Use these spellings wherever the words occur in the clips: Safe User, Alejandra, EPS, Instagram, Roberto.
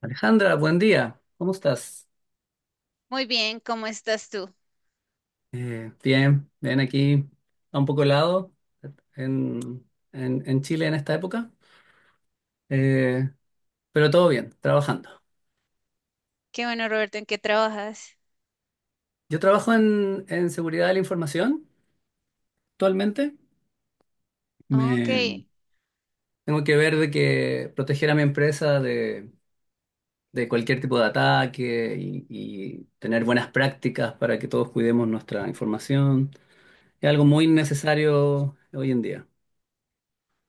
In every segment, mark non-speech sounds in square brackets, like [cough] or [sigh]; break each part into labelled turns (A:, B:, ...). A: Alejandra, buen día. ¿Cómo estás?
B: Muy bien, ¿cómo estás tú?
A: Bien, bien aquí a un poco helado en, en Chile en esta época. Eh, pero todo bien, trabajando.
B: Qué bueno, Roberto, ¿en qué trabajas?
A: Yo trabajo en seguridad de la información actualmente.
B: Ok,
A: Me, Tengo que ver de que proteger a mi empresa de cualquier tipo de ataque y tener buenas prácticas para que todos cuidemos nuestra información. Es algo muy necesario hoy en día.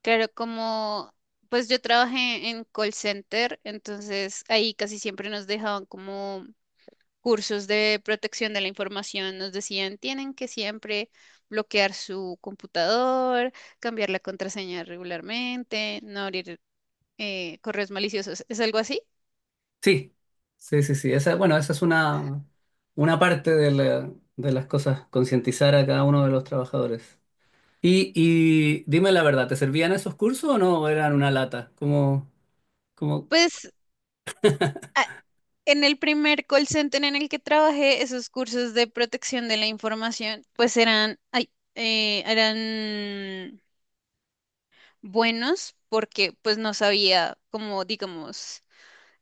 B: claro, como pues yo trabajé en call center, entonces ahí casi siempre nos dejaban como cursos de protección de la información, nos decían, tienen que siempre bloquear su computador, cambiar la contraseña regularmente, no abrir correos maliciosos, ¿es algo así?
A: Sí, sí, sí, sí. Bueno, esa es una parte de de las cosas, concientizar a cada uno de los trabajadores. Y dime la verdad, ¿te servían esos cursos o no eran una lata? Como,
B: Pues, en el primer call center en el que trabajé, esos cursos de protección de la información, pues eran buenos porque pues no sabía cómo, digamos,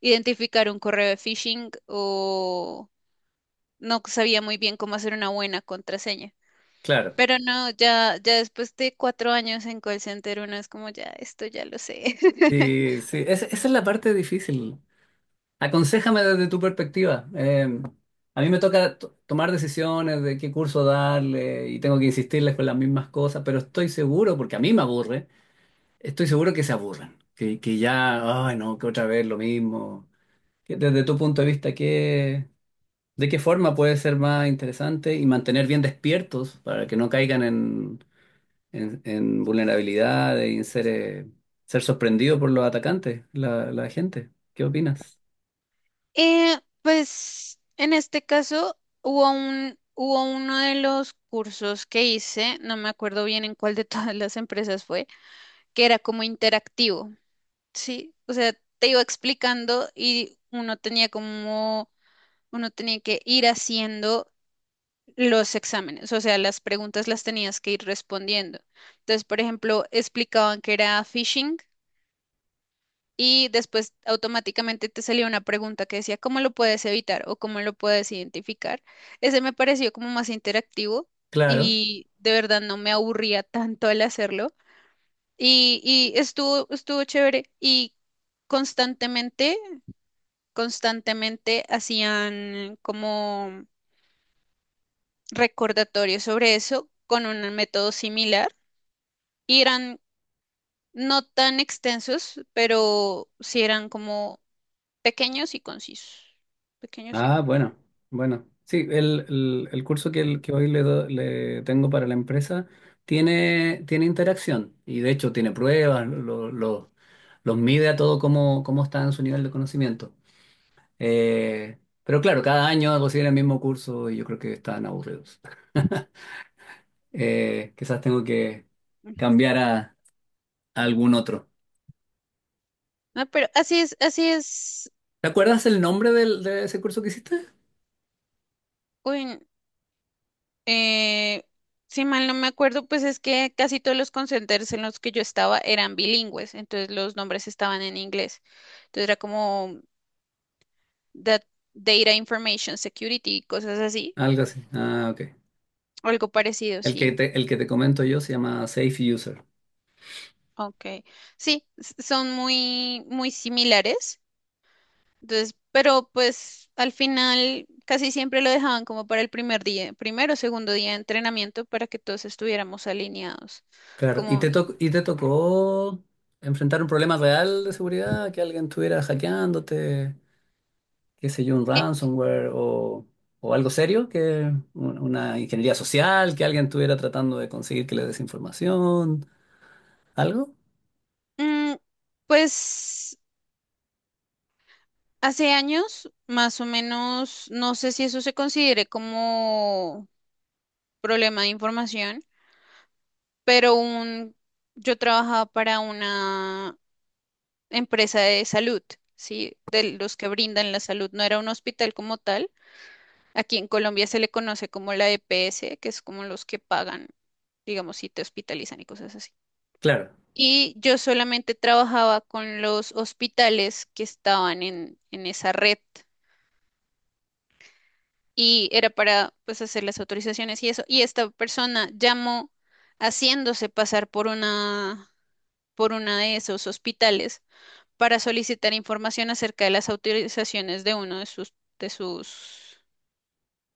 B: identificar un correo de phishing o no sabía muy bien cómo hacer una buena contraseña.
A: claro.
B: Pero no, ya, ya después de 4 años en call center, uno es como, ya, esto ya lo sé. [laughs]
A: Sí, sí, esa es la parte difícil. Aconséjame desde tu perspectiva. A mí me toca tomar decisiones de qué curso darle y tengo que insistirles con las mismas cosas, pero estoy seguro, porque a mí me aburre. Estoy seguro que se aburran, que ya, ay no, que otra vez lo mismo. Que Desde tu punto de vista, ¿de qué forma puede ser más interesante y mantener bien despiertos para que no caigan en vulnerabilidad y en ser, ser sorprendido por los atacantes, la gente? ¿Qué opinas?
B: Pues en este caso hubo uno de los cursos que hice, no me acuerdo bien en cuál de [laughs] todas las empresas fue, que era como interactivo, ¿sí? O sea, te iba explicando y uno tenía que ir haciendo los exámenes, o sea, las preguntas las tenías que ir respondiendo. Entonces, por ejemplo, explicaban que era phishing. Y después automáticamente te salía una pregunta que decía, ¿cómo lo puedes evitar o cómo lo puedes identificar? Ese me pareció como más interactivo
A: Claro.
B: y de verdad no me aburría tanto al hacerlo. Y, y estuvo chévere y constantemente, constantemente hacían como recordatorios sobre eso con un método similar y eran no tan extensos, pero sí eran como pequeños y concisos. Pequeños y
A: Ah,
B: buenos.
A: bueno, bueno. Sí, el curso que, que hoy le, le tengo para la empresa tiene, tiene interacción y de hecho tiene pruebas, los mide a todo cómo, cómo está en su nivel de conocimiento. Eh, pero claro, cada año hago seguir el mismo curso y yo creo que están aburridos. Quizás tengo que
B: Ujú.
A: cambiar a algún otro.
B: No, pero así es, así es.
A: ¿Te acuerdas el nombre de ese curso que hiciste?
B: Uy, eh, si mal no me acuerdo, pues es que casi todos los call centers en los que yo estaba eran bilingües, entonces los nombres estaban en inglés. Entonces era como dat- Data Information Security, cosas así,
A: Algo así. Ah, ok.
B: algo parecido, sí.
A: El que te comento yo se llama Safe User.
B: Ok. Sí, son muy, muy similares. Entonces, pero pues al final casi siempre lo dejaban como para el primer día, primero o segundo día de entrenamiento para que todos estuviéramos alineados.
A: Claro, ¿y
B: Como,
A: te, to y te tocó enfrentar un problema real de seguridad? ¿Que alguien estuviera hackeándote, qué sé yo, un
B: eh,
A: ransomware o algo serio? ¿Que una ingeniería social? ¿Que alguien estuviera tratando de conseguir que le des información? ¿Algo?
B: mm, pues hace años, más o menos, no sé si eso se considere como problema de información, pero yo trabajaba para una empresa de salud, ¿sí? De los que brindan la salud, no era un hospital como tal. Aquí en Colombia se le conoce como la EPS, que es como los que pagan, digamos, si te hospitalizan y cosas así.
A: Claro,
B: Y yo solamente trabajaba con los hospitales que estaban en esa red y era para pues hacer las autorizaciones y eso. Y esta persona llamó haciéndose pasar por una de esos hospitales para solicitar información acerca de las autorizaciones de uno de sus, de sus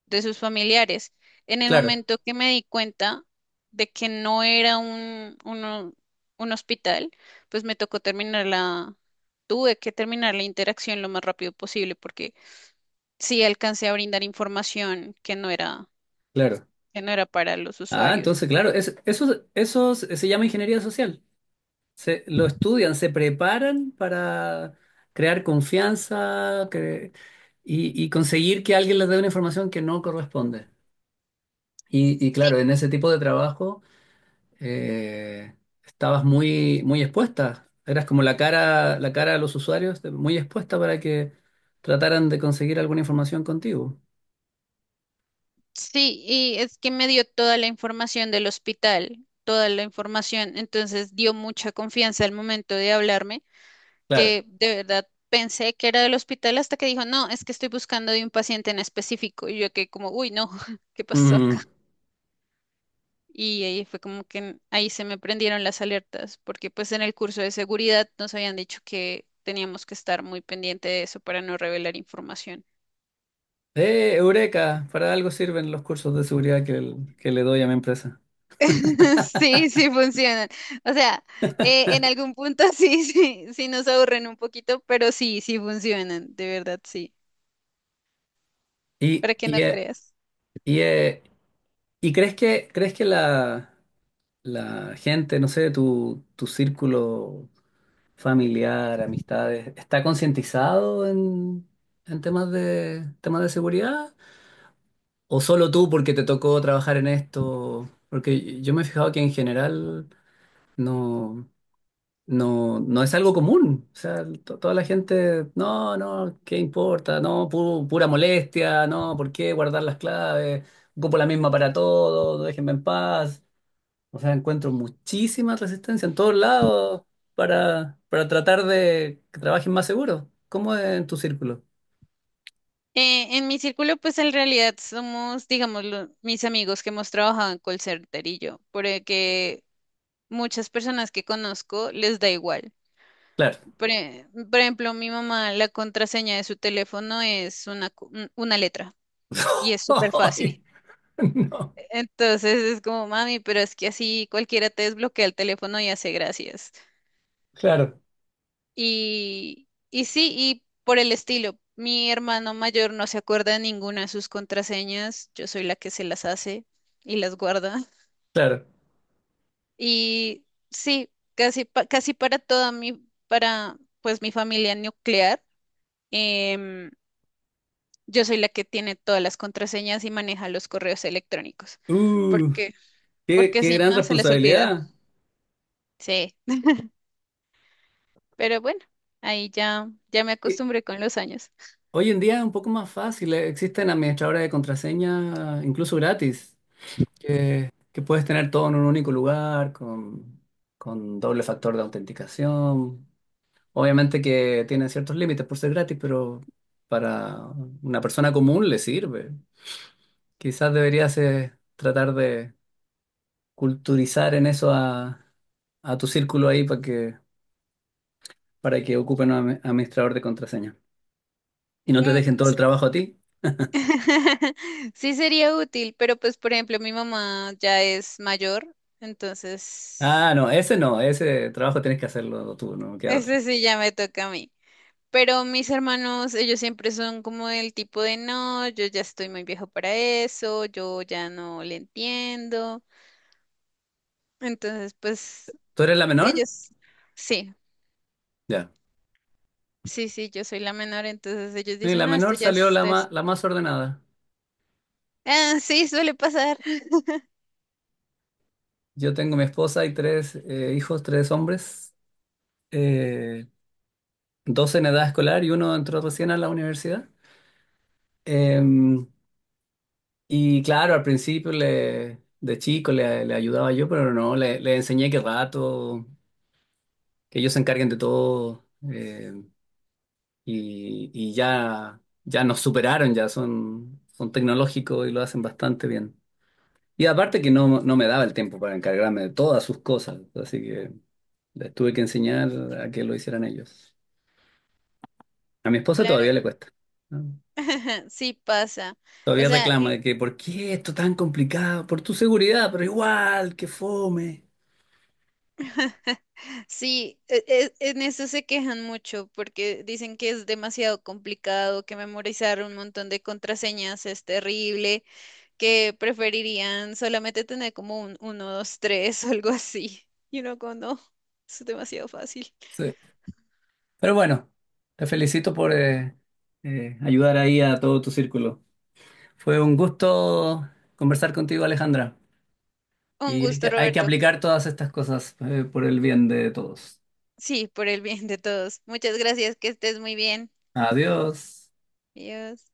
B: de sus familiares. En el
A: claro,
B: momento que me di cuenta de que no era un hospital, pues me tocó terminar la, tuve que terminar la interacción lo más rápido posible porque sí alcancé a brindar información que no era,
A: claro.
B: que no era para los
A: Ah,
B: usuarios.
A: entonces, claro, eso, eso se llama ingeniería social. Se, lo estudian, se preparan para crear confianza y conseguir que alguien les dé una información que no corresponde. Y
B: Sí,
A: claro, en ese tipo de trabajo eh, estabas muy, muy expuesta. Eras como la cara a los usuarios, de- muy expuesta para que trataran de conseguir alguna información contigo.
B: sí, y es que me dio toda la información del hospital, toda la información, entonces dio mucha confianza al momento de hablarme
A: Claro.
B: que de verdad pensé que era del hospital hasta que dijo, no, es que estoy buscando de un paciente en específico. Y yo que como, uy, no, [laughs] ¿qué pasó acá?
A: Mm.
B: Y ahí fue como que ahí se me prendieron las alertas, porque pues en el curso de seguridad nos habían dicho que teníamos que estar muy pendiente de eso para no revelar información.
A: Eureka, para algo sirven los cursos de seguridad que, que le doy a mi empresa.
B: [laughs] Sí, sí funcionan. O sea, en algún punto [laughs] sí, sí, sí nos aburren un poquito, pero sí, sí funcionan, de verdad, sí.
A: Y,
B: Para que no
A: y, eh,
B: creas.
A: y, eh, ¿Y crees que la gente, no sé, tu círculo familiar, amistades, está concientizado en temas de seguridad? ¿O solo tú porque te tocó trabajar en esto? Porque yo me he fijado que en general no, no es algo común. O sea, toda la gente, no, no, ¿qué importa? No, pura molestia, no, ¿por qué guardar las claves? Ocupo la misma para todo, déjenme en paz. O sea, encuentro muchísima resistencia en todos lados para tratar de que trabajen más seguro. ¿Cómo es en tu círculo?
B: En mi círculo, pues en realidad somos, digamos, mis amigos que hemos trabajado en call center y yo, porque muchas personas que conozco les da igual.
A: Claro.
B: Por ejemplo, mi mamá, la contraseña de su teléfono es una letra y
A: [laughs]
B: es súper
A: Ay,
B: fácil.
A: no,
B: Entonces es como, mami, pero es que así cualquiera te desbloquea el teléfono y hace gracias.
A: claro,
B: Y sí, y por el estilo, mi hermano mayor no se acuerda de ninguna de sus contraseñas, yo soy la que se las hace y las guarda.
A: claro.
B: Y sí, casi para toda mi, para pues mi familia nuclear, em, yo soy la que tiene todas las contraseñas y maneja los correos electrónicos.
A: Uh,
B: Porque,
A: qué,
B: porque
A: qué
B: si
A: gran
B: no, se les olvida.
A: responsabilidad.
B: Sí, pero bueno, ahí ya, ya me
A: Eh,
B: acostumbré con los años.
A: Hoy en día es un poco más fácil. Existen administradores de contraseña, incluso gratis, que puedes tener todo en un único lugar, con doble factor de autenticación. Obviamente que tiene ciertos límites por ser gratis, pero para una persona común le sirve. Quizás deberías tratar de culturizar en eso a tu círculo ahí para que ocupen un administrador de contraseña. Y no te
B: Mm.
A: dejen todo el trabajo a ti.
B: [laughs] Sí sería útil, pero pues por ejemplo mi mamá ya es mayor, entonces
A: Ah, no, ese no, ese trabajo tienes que hacerlo tú, no queda otra.
B: ese sí ya me toca a mí. Pero mis hermanos, ellos siempre son como del tipo de no, yo ya estoy muy viejo para eso, yo ya no le entiendo. Entonces, pues
A: ¿Tú eres la menor?
B: ellos, sí,
A: Ya.
B: sí, sí, yo soy la menor, entonces ellos
A: Y
B: dicen,
A: la
B: no, esto
A: menor
B: ya es,
A: salió la,
B: esto es-".
A: la más ordenada.
B: Ah, sí, suele pasar. [laughs]
A: Yo tengo mi esposa y tres hijos, tres hombres. Eh, Dos en edad escolar y uno entró recién a la universidad. Em, y claro, al principio le, de chico le, le ayudaba yo, pero no, le enseñé que rato, que ellos se encarguen de todo. Y ya nos superaron, ya son, son tecnológicos y lo hacen bastante bien. Y aparte que no, no me daba el tiempo para encargarme de todas sus cosas, así que les tuve que enseñar a que lo hicieran ellos. A mi esposa
B: Claro.
A: todavía le cuesta. ¿No?
B: [laughs] Sí pasa. O
A: Todavía
B: sea,
A: reclama de que ¿por qué esto tan complicado? Por tu seguridad, pero igual, que fome.
B: [laughs] sí, en eso se quejan mucho porque dicen que es demasiado complicado, que memorizar un montón de contraseñas es terrible, que preferirían solamente tener como un uno 2 3, [laughs] o algo así. Y uno como, no, es demasiado fácil.
A: Sí. Pero bueno, te felicito por ayudar ahí a todo tu círculo. Fue un gusto conversar contigo, Alejandra.
B: Un
A: Y
B: gusto,
A: hay que
B: Roberto.
A: aplicar todas estas cosas por el bien de todos.
B: Sí, por el bien de todos. Muchas gracias, que estés muy bien.
A: Adiós.
B: Adiós.